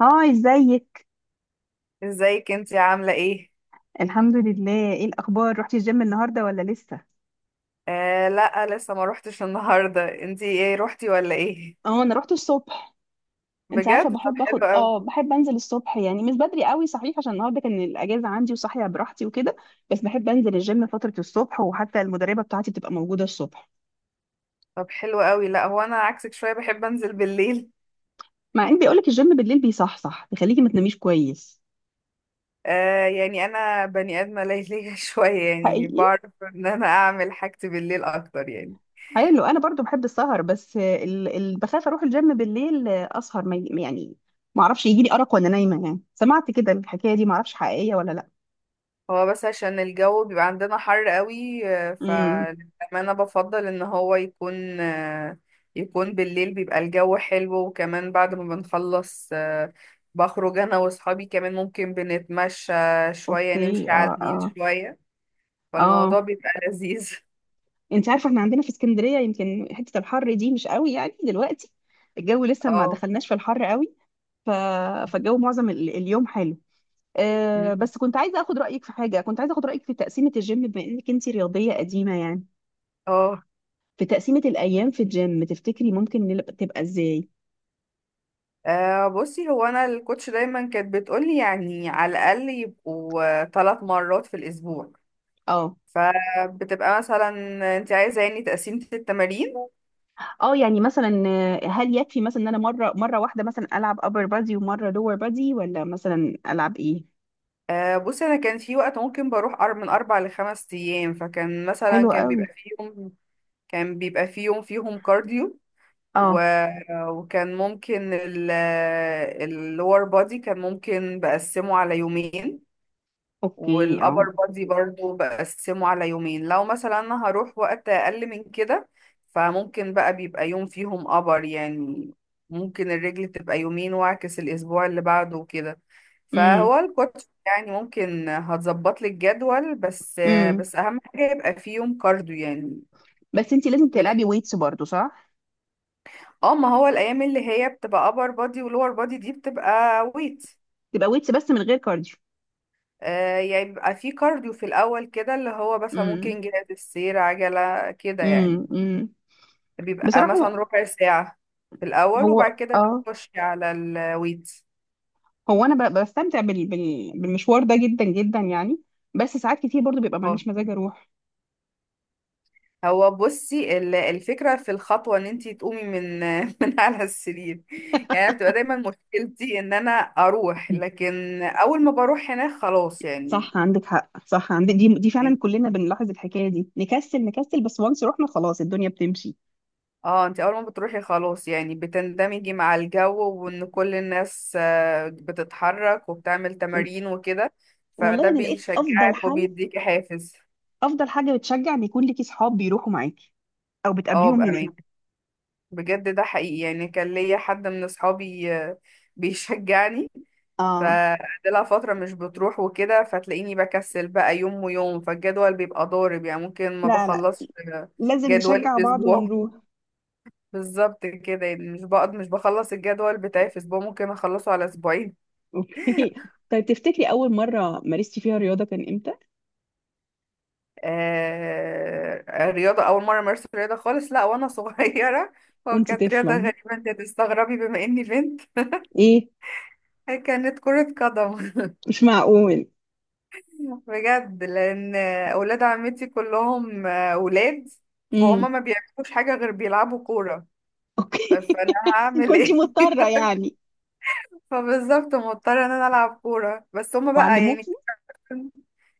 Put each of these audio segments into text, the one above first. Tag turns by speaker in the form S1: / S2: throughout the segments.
S1: هاي، ازيك؟
S2: ازيك انتي عاملة ايه؟
S1: الحمد لله، ايه الاخبار؟ رحتي الجيم النهارده ولا لسه؟
S2: آه لا، لسه ما روحتش النهاردة. انتي ايه، روحتي ولا ايه؟
S1: اه، انا رحت الصبح. انت عارفه
S2: بجد؟ طب
S1: بحب
S2: حلو
S1: اخد
S2: قوي.
S1: بحب انزل الصبح، يعني مش بدري قوي، صحيح، عشان النهارده كان الاجازه عندي وصاحيه براحتي وكده. بس بحب انزل الجيم فتره الصبح، وحتى المدربه بتاعتي بتبقى موجوده الصبح.
S2: طب حلو قوي، لا هو انا عكسك شوية، بحب انزل بالليل.
S1: مع ان بيقولك الجيم بالليل بيصحصح، بيخليكي ما تناميش كويس.
S2: آه يعني انا بني ادمة ليلية شوية، يعني
S1: حقيقي.
S2: بعرف ان انا اعمل حاجتي بالليل اكتر يعني.
S1: حلو. انا برضو بحب السهر، بس بخاف اروح الجيم بالليل اسهر ما... ي- يعني ما اعرفش يجي لي ارق وانا نايمه. يعني سمعت كده الحكايه دي، ما اعرفش حقيقيه ولا لا.
S2: هو بس عشان الجو بيبقى عندنا حر قوي،
S1: امم
S2: فللأمانة بفضل ان هو يكون يكون بالليل، بيبقى الجو حلو، وكمان بعد ما بنخلص بخرج انا واصحابي، كمان ممكن بنتمشى شوية،
S1: اوكي،
S2: نمشي على
S1: اه
S2: النيل
S1: اه.
S2: شوية،
S1: اه،
S2: فالموضوع بيبقى لذيذ
S1: انت عارفه احنا عندنا في اسكندريه يمكن حته الحر دي مش قوي يعني دلوقتي، الجو لسه ما
S2: اه.
S1: دخلناش في الحر قوي. ف... فالجو معظم اليوم حلو. آه
S2: مم.
S1: بس كنت عايزه اخد رايك في حاجه، كنت عايزه اخد رايك في تقسيمه الجيم، بما انك انت رياضيه قديمه يعني.
S2: اه.
S1: في تقسيمه الايام في الجيم، تفتكري ممكن تبقى ازاي؟
S2: بصي، هو انا الكوتش دايما كانت بتقولي يعني على الاقل يبقوا 3 مرات في الاسبوع،
S1: اه
S2: فبتبقى مثلا. انت عايزه يعني تقسيمه التمارين؟
S1: اه، يعني مثلا آه، هل يكفي مثلا ان انا مره واحده مثلا العب upper body ومره lower body، ولا مثلا العب ايه؟
S2: بصي، انا كان في وقت ممكن بروح من 4 لـ5 أيام، فكان مثلا
S1: حلو قوي،
S2: كان بيبقى فيهم كارديو، و...
S1: اه،
S2: وكان ممكن اللور بودي كان ممكن بقسمه على يومين،
S1: اوكي،
S2: والأبر
S1: اه،
S2: بادي برضو بقسمه على يومين لو مثلا أنا هروح وقت أقل من كده. فممكن بقى بيبقى يوم فيهم أبر يعني، ممكن الرجل تبقى يومين وأعكس الأسبوع اللي بعده وكده،
S1: امم،
S2: فهو الكوتش يعني ممكن هتظبط لي الجدول، بس
S1: امم.
S2: بس أهم حاجة يبقى فيه يوم كارديو يعني.
S1: بس انت لازم
S2: لازم.
S1: تلعبي ويتس برضو، صح؟
S2: اه، ما هو الأيام اللي هي بتبقى أبر بادي ولور بادي دي بتبقى ويت.
S1: تبقى ويتس بس من غير كارديو؟
S2: يعني بيبقى في كارديو في الأول كده، اللي هو بس ممكن
S1: امم،
S2: جهاز السير، عجلة كده يعني،
S1: امم، امم.
S2: بيبقى
S1: بصراحه
S2: مثلا
S1: هو،
S2: ربع ساعة في الأول، وبعد كده
S1: اه،
S2: بتخشي على الويتس.
S1: هو انا بستمتع بالمشوار ده جدا جدا يعني. بس ساعات كتير برضو بيبقى
S2: اه،
S1: معليش مزاج اروح.
S2: هو بصي الفكرة في الخطوة ان انتي تقومي من من على السرير، يعني أنا بتبقى دايما مشكلتي ان انا اروح، لكن اول ما بروح هناك خلاص يعني
S1: صح، عندك حق، صح، عندك، دي فعلا
S2: يعني
S1: كلنا بنلاحظ الحكايه دي، نكسل بس، وانس رحنا خلاص الدنيا بتمشي.
S2: اه، انت اول ما بتروحي خلاص يعني، بتندمجي مع الجو، وان كل الناس بتتحرك وبتعمل تمارين وكده،
S1: والله
S2: فده
S1: انا لقيت افضل
S2: بيشجعك
S1: حل،
S2: وبيديكي حافز.
S1: افضل حاجه بتشجع ان يكون ليكي صحاب بيروحوا معاكي او
S2: اه
S1: بتقابليهم
S2: بأمان.
S1: هناك.
S2: بجد ده حقيقي يعني، كان ليا حد من اصحابي بيشجعني،
S1: اه،
S2: فقعدلها فترة مش بتروح وكده، فتلاقيني بكسل بقى يوم ويوم، فالجدول بيبقى ضارب يعني، ممكن ما
S1: لا لا،
S2: بخلصش
S1: لازم
S2: جدولي
S1: نشجع
S2: في
S1: بعض
S2: اسبوع.
S1: ونروح.
S2: بالظبط كده يعني، مش بقعد، مش بخلص الجدول بتاعي في اسبوع، ممكن اخلصه على اسبوعين.
S1: اوكي. طيب، تفتكري اول مره مارستي فيها رياضه كان امتى؟
S2: رياضة أول مرة أمارس رياضة خالص، لا وأنا صغيرة هو
S1: وانت
S2: كانت رياضة
S1: طفله؟
S2: غريبة، أنت هتستغربي بما إني بنت
S1: ايه؟
S2: كانت كرة قدم
S1: مش معقول!
S2: بجد لأن أولاد عمتي كلهم أولاد،
S1: امم.
S2: فهم ما بيعملوش حاجة غير بيلعبوا كورة. طب
S1: اوكي.
S2: فأنا هعمل
S1: كنت
S2: إيه؟
S1: مضطره يعني.
S2: فبالظبط مضطرة إن أنا ألعب كورة، بس هما بقى يعني.
S1: وعلموكي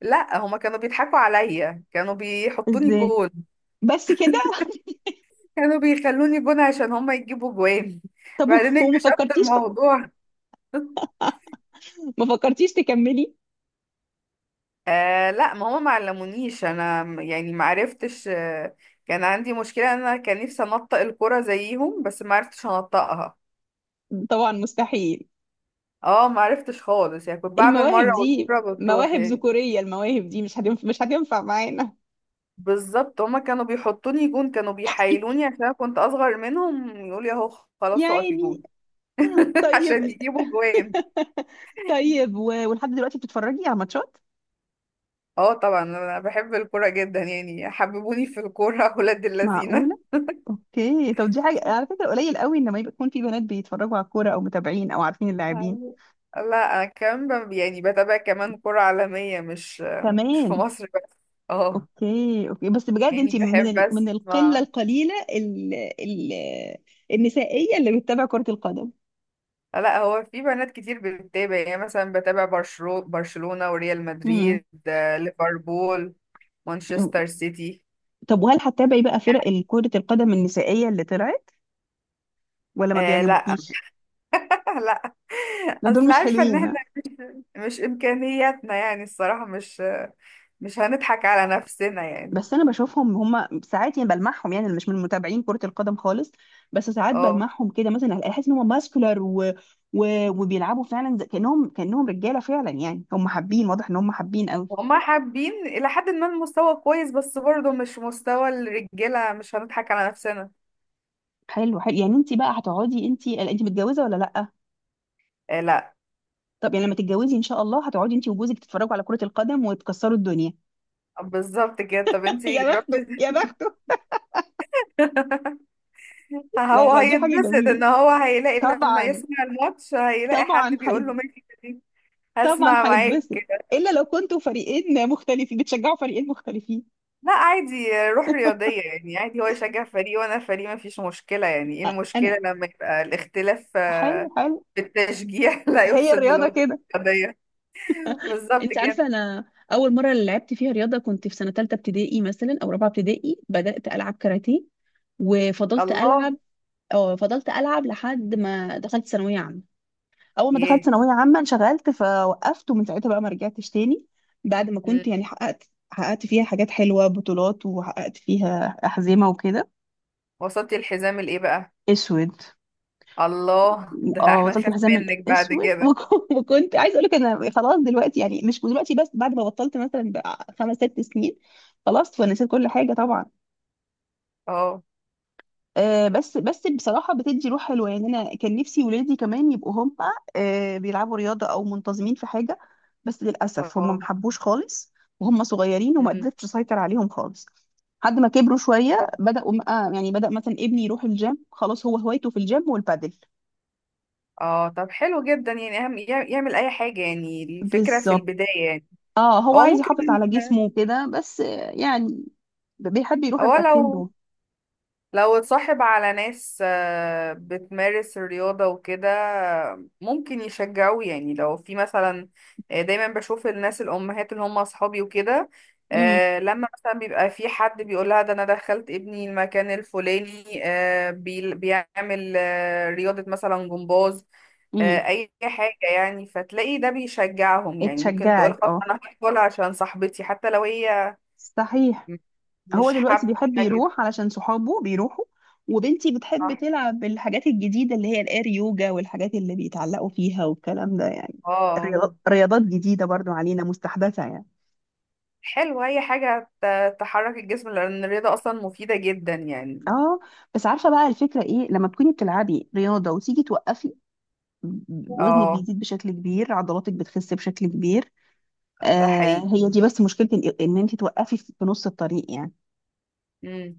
S2: لا، هما كانوا بيضحكوا عليا، كانوا بيحطوني
S1: ازاي؟
S2: جول،
S1: بس كده؟
S2: كانوا بيخلوني جون عشان هما يجيبوا جوان
S1: طب
S2: بعدين
S1: وما
S2: اكتشفت
S1: فكرتيش،
S2: الموضوع.
S1: ما فكرتيش تكملي؟
S2: آه لا، ما هما ما علمونيش انا، يعني ما عرفتش. كان عندي مشكلة إن انا كان نفسي انطق الكرة زيهم، بس ما عرفتش انطقها.
S1: طبعا مستحيل.
S2: اه ما عرفتش خالص يعني، كنت بعمل مرة
S1: المواهب دي
S2: والكرة بتروح
S1: مواهب
S2: يعني.
S1: ذكوريه، المواهب دي مش هتنفع، مش هتنفع معانا
S2: بالظبط، هما كانوا بيحطوني جون، كانوا بيحايلوني عشان انا كنت اصغر منهم، يقولي اهو خلاص اقفي
S1: يعني.
S2: جون عشان
S1: طيب،
S2: يجيبوا جوان.
S1: طيب، ولحد دلوقتي بتتفرجي على ماتشات؟
S2: اه طبعا، انا بحب الكوره جدا يعني، حببوني في الكوره ولاد
S1: معقول.
S2: اللذينه.
S1: اوكي، طب دي حاجة على فكرة قليل قوي ان ما يكون في بنات بيتفرجوا على الكورة او متابعين او عارفين اللاعبين.
S2: عن- لا انا كمان يعني بتابع كمان كرة عالمية، مش في
S1: كمان.
S2: مصر بس. اه،
S1: اوكي اوكي، بس بجد
S2: يعني
S1: انت من
S2: بحب
S1: من القلة
S2: اسمع.
S1: القليلة النسائية اللي بتتابع كرة القدم.
S2: لا هو في بنات كتير بتتابع يعني، مثلا بتابع برشلونة وريال
S1: امم.
S2: مدريد، ليفربول، مانشستر سيتي.
S1: طب وهل هتتابعي بقى فرق كرة القدم النسائية اللي طلعت، ولا ما
S2: آه لا
S1: بيعجبوكيش؟
S2: لا،
S1: لا، دول
S2: اصل
S1: مش
S2: عارفة ان
S1: حلوين.
S2: احنا، مش امكانياتنا يعني، الصراحة، مش هنضحك على نفسنا يعني.
S1: بس انا بشوفهم هم ساعات، يعني بلمحهم، يعني انا مش من متابعين كرة القدم خالص، بس ساعات
S2: اه،
S1: بلمحهم كده، مثلا احس ان هم ماسكولار وبيلعبوا فعلا كانهم، كانهم رجالة فعلا يعني. هم حابين، واضح ان هم حابين قوي.
S2: هما حابين إلى حد ما، المستوى كويس، بس برضه مش مستوى الرجالة، مش هنضحك على نفسنا.
S1: حلو حلو. يعني انت بقى هتقعدي انت انت متجوزة ولا لا؟
S2: آه لا،
S1: طب يعني لما تتجوزي ان شاء الله هتقعدي انت وجوزك تتفرجوا على كرة القدم وتكسروا الدنيا.
S2: بالظبط كده. طب انتي
S1: يا بخته،
S2: جربتي؟
S1: يا بخته. لا
S2: هو
S1: لا، دي حاجة
S2: هيتبسط ان
S1: جميلة.
S2: هو هيلاقي لما
S1: طبعا.
S2: يسمع الماتش هيلاقي حد
S1: طبعا هي...
S2: بيقول له ميرسي دي.
S1: طبعا
S2: هسمع معاك.
S1: هيتبسط. الا لو كنتوا فريقين مختلفين، بتشجعوا فريقين مختلفين.
S2: لا عادي، روح رياضية يعني، عادي هو يشجع فريق وانا فريق، مفيش مشكلة، يعني ايه
S1: انا.
S2: المشكلة لما يبقى الاختلاف
S1: حلو حلو.
S2: في التشجيع لا
S1: هي
S2: يفسد
S1: الرياضه
S2: للوضع
S1: كده.
S2: الرياضية. بالظبط
S1: انت
S2: كده.
S1: عارفه انا اول مره لعبت فيها رياضه كنت في سنه ثالثه ابتدائي مثلا او رابعه ابتدائي، بدات العب كاراتيه وفضلت
S2: الله.
S1: العب. أو فضلت العب لحد ما دخلت ثانويه عامه. اول ما
S2: ياه.
S1: دخلت ثانويه عامه انشغلت فوقفت، ومن ساعتها بقى ما رجعتش تاني. بعد ما كنت
S2: مم.
S1: يعني حققت، حققت فيها حاجات حلوه، بطولات، وحققت فيها احزمه وكده.
S2: وصلتي الحزام الايه بقى؟
S1: اسود.
S2: الله ده
S1: اه،
S2: احنا
S1: بطلت
S2: نخاف
S1: الحزام
S2: منك بعد
S1: الاسود.
S2: كده.
S1: وكنت عايز اقول لك انا خلاص دلوقتي، يعني مش دلوقتي بس، بعد ما بطلت مثلا بقى خمس ست سنين، خلاص ونسيت كل حاجه طبعا.
S2: اه.
S1: آه بس، بس بصراحه بتدي روح حلوه يعني. انا كان نفسي ولادي كمان يبقوا هم آه بيلعبوا رياضه او منتظمين في حاجه، بس للاسف هم ما
S2: اه.
S1: حبوش خالص، وهم صغيرين وما
S2: مم.
S1: قدرتش اسيطر عليهم خالص. لحد ما كبروا شويه
S2: طب-
S1: بداوا آه، يعني بدا مثلا ابني يروح الجيم، خلاص هو هوايته في الجيم والبادل.
S2: اه، طب حلو جدا يعني، اهم يعمل اي حاجه، يعني الفكره في
S1: بالظبط.
S2: البدايه يعني.
S1: اه، هو
S2: هو
S1: عايز يحافظ
S2: ممكن
S1: على جسمه وكده، بس آه، يعني بيحب يروح
S2: هو
S1: الحاجتين
S2: لو
S1: دول.
S2: لو اتصاحب على ناس بتمارس الرياضة وكده، ممكن يشجعوه يعني، لو في مثلا، دايما بشوف الناس الأمهات اللي هم أصحابي وكده،
S1: امم،
S2: لما مثلا بيبقى في حد بيقولها ده أنا دخلت ابني المكان الفلاني، بيعمل رياضة مثلا جمباز،
S1: امم.
S2: أي حاجة يعني. فتلاقي ده بيشجعهم يعني، ممكن تقول
S1: اتشجعت.
S2: خلاص
S1: اه،
S2: أنا هدخل عشان صاحبتي، حتى لو هي
S1: صحيح. هو
S2: مش
S1: دلوقتي
S2: حابة
S1: بيحب
S2: الحاجة دي.
S1: يروح علشان صحابه بيروحوا. وبنتي بتحب
S2: صح.
S1: تلعب الحاجات الجديدة اللي هي الاير يوجا، والحاجات اللي بيتعلقوا فيها والكلام ده يعني.
S2: اه.
S1: رياضات جديدة برضو علينا، مستحدثة يعني.
S2: حلو، اي حاجة تحرك الجسم، لان الرياضة اصلا مفيدة جدا يعني.
S1: اه. بس عارفة بقى الفكرة ايه؟ لما تكوني بتلعبي رياضة وتيجي توقفي، وزنك
S2: اه،
S1: بيزيد بشكل كبير، عضلاتك بتخس بشكل كبير.
S2: ده
S1: آه،
S2: حقيقي.
S1: هي دي بس مشكلتي، ان انت توقفي في نص الطريق يعني.
S2: امم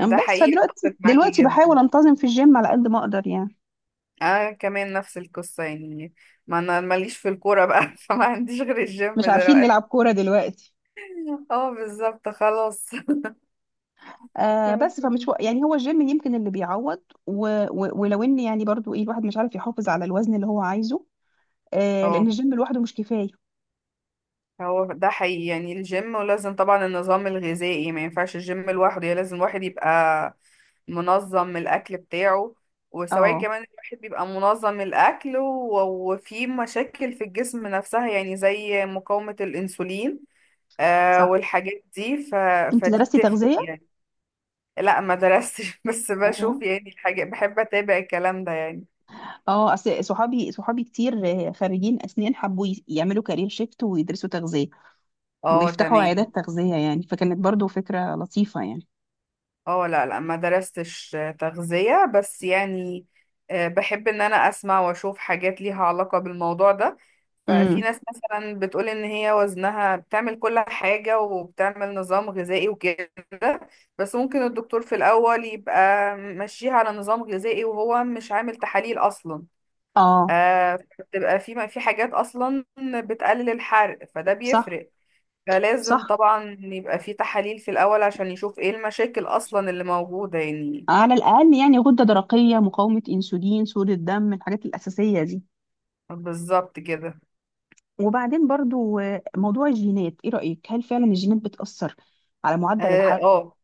S1: أم
S2: ده
S1: بس
S2: حقيقي، اتفق معاكي
S1: دلوقتي
S2: جدا،
S1: بحاول انتظم في الجيم على قد ما اقدر يعني.
S2: انا كمان نفس القصة يعني، ما انا ماليش في الكورة بقى فما عنديش غير الجيم
S1: مش عارفين
S2: دلوقتي.
S1: نلعب كورة دلوقتي.
S2: اه بالظبط، خلاص.
S1: آه بس، يعني هو الجيم يمكن اللي بيعوض، و و ولو ان يعني برضو، ايه، الواحد مش عارف يحافظ على الوزن اللي هو عايزه. آه، لان
S2: اه،
S1: الجيم لوحده مش كفاية.
S2: هو ده حقيقي يعني، الجيم ولازم طبعا النظام الغذائي، ما ينفعش الجيم لوحده يعني، لازم الواحد يبقى منظم الأكل بتاعه، وسواء
S1: اه،
S2: كمان الواحد بيبقى منظم الأكل، وفي مشاكل في الجسم نفسها، يعني زي مقاومة الأنسولين
S1: صح.
S2: والحاجات دي.
S1: انت
S2: فدي
S1: درستي
S2: بتفرق
S1: تغذية؟
S2: يعني. لا ما درستش بس بشوف
S1: اه.
S2: يعني الحاجات، بحب أتابع الكلام ده يعني.
S1: اه، اصل صحابي كتير آه، خريجين اسنان، حبوا يعملوا كارير شيفت ويدرسوا تغذية،
S2: اه
S1: ويفتحوا
S2: تمام.
S1: عيادات تغذية يعني، فكانت برضو فكرة لطيفة يعني.
S2: اه، لا لا ما درستش تغذية بس يعني، بحب ان انا اسمع واشوف حاجات ليها علاقة بالموضوع ده، ففي
S1: امم.
S2: ناس مثلا بتقول ان هي وزنها بتعمل كل حاجة وبتعمل نظام غذائي وكده، بس ممكن الدكتور في الاول يبقى ماشيها على نظام غذائي وهو مش عامل تحاليل اصلا،
S1: اه،
S2: بتبقى في حاجات اصلا بتقلل الحرق، فده
S1: صح
S2: بيفرق. فلازم
S1: صح.
S2: طبعا يبقى في تحاليل في الأول عشان يشوف ايه المشاكل أصلا اللي موجودة يعني.
S1: على الأقل يعني غدة درقية، مقاومة أنسولين، سوء الدم، الحاجات الأساسية دي.
S2: بالظبط كده.
S1: وبعدين برضو آه، موضوع الجينات، إيه رأيك؟ هل فعلا الجينات بتأثر على معدل
S2: اه
S1: الحياة؟
S2: آه.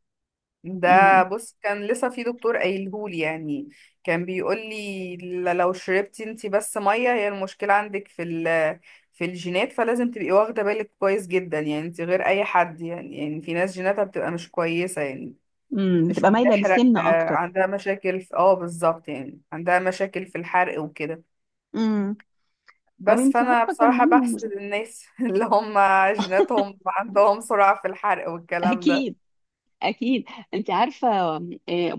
S2: ده
S1: امم،
S2: بص كان لسه في دكتور قايلهولي يعني، كان بيقولي لو شربتي انتي بس مية، هي المشكلة عندك في الجينات، فلازم تبقي واخدة بالك كويس جدا يعني، انتي غير أي حد يعني في ناس جيناتها بتبقى مش كويسة يعني،
S1: امم.
S2: مش
S1: بتبقى مايلة
S2: بتحرق،
S1: للسمنة أكتر.
S2: عندها مشاكل اه بالظبط، يعني عندها مشاكل في الحرق وكده،
S1: امم. طب
S2: بس
S1: أنت
S2: فانا
S1: عارفة
S2: بصراحة
S1: كمان.
S2: بحسد الناس اللي هم جيناتهم عندهم سرعة في الحرق والكلام ده.
S1: أكيد، اكيد. انت عارفه آه،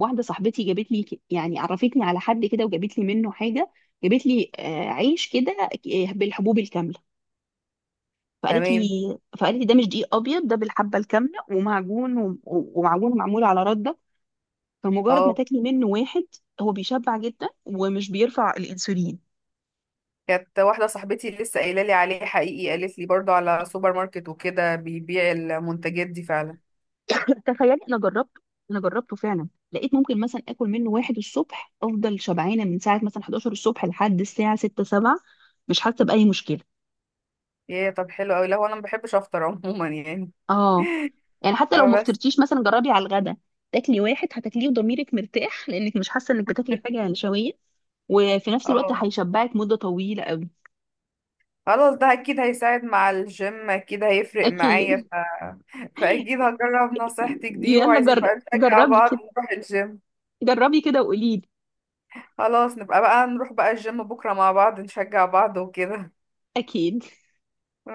S1: واحده صاحبتي جابت لي يعني عرفتني على حد كده، وجابت لي منه حاجه، جابت لي آه، عيش كده آه، بالحبوب الكامله، فقالت
S2: تمام
S1: لي، فقالت لي ده مش دقيق ابيض، ده بالحبه الكامله ومعجون، ومعجون معمول على رده. فمجرد ما
S2: اه.
S1: تاكلي منه واحد هو بيشبع جدا ومش بيرفع الانسولين.
S2: كانت واحدة صاحبتي لسه قايلة لي عليه حقيقي، قالت لي برضو على سوبر ماركت وكده بيبيع المنتجات دي فعلا.
S1: تخيلي انا جربته، انا جربته فعلا، لقيت ممكن مثلا اكل منه واحد الصبح افضل شبعانه من ساعه مثلا 11 الصبح لحد الساعه 6 7، مش حاسه باي مشكله.
S2: ايه طب حلو قوي، لا هو انا ما بحبش افطر عموما يعني،
S1: اه، يعني حتى لو ما
S2: بس
S1: فطرتيش مثلا جربي على الغدا، تاكلي واحد هتاكليه وضميرك مرتاح لانك مش حاسه انك بتاكلي حاجه نشويه، وفي نفس الوقت
S2: اه
S1: هيشبعك مده طويله قوي.
S2: خلاص ده اكيد هيساعد مع الجيم، اكيد هيفرق
S1: اكيد.
S2: معايا، فاكيد هجرب نصيحتك دي،
S1: يلا
S2: وعايزين بقى نشجع
S1: جربي
S2: بعض
S1: كده،
S2: نروح الجيم.
S1: جربي كده وقولي لي.
S2: خلاص نبقى بقى نروح بقى الجيم بكرة مع بعض، نشجع بعض وكده.
S1: اكيد.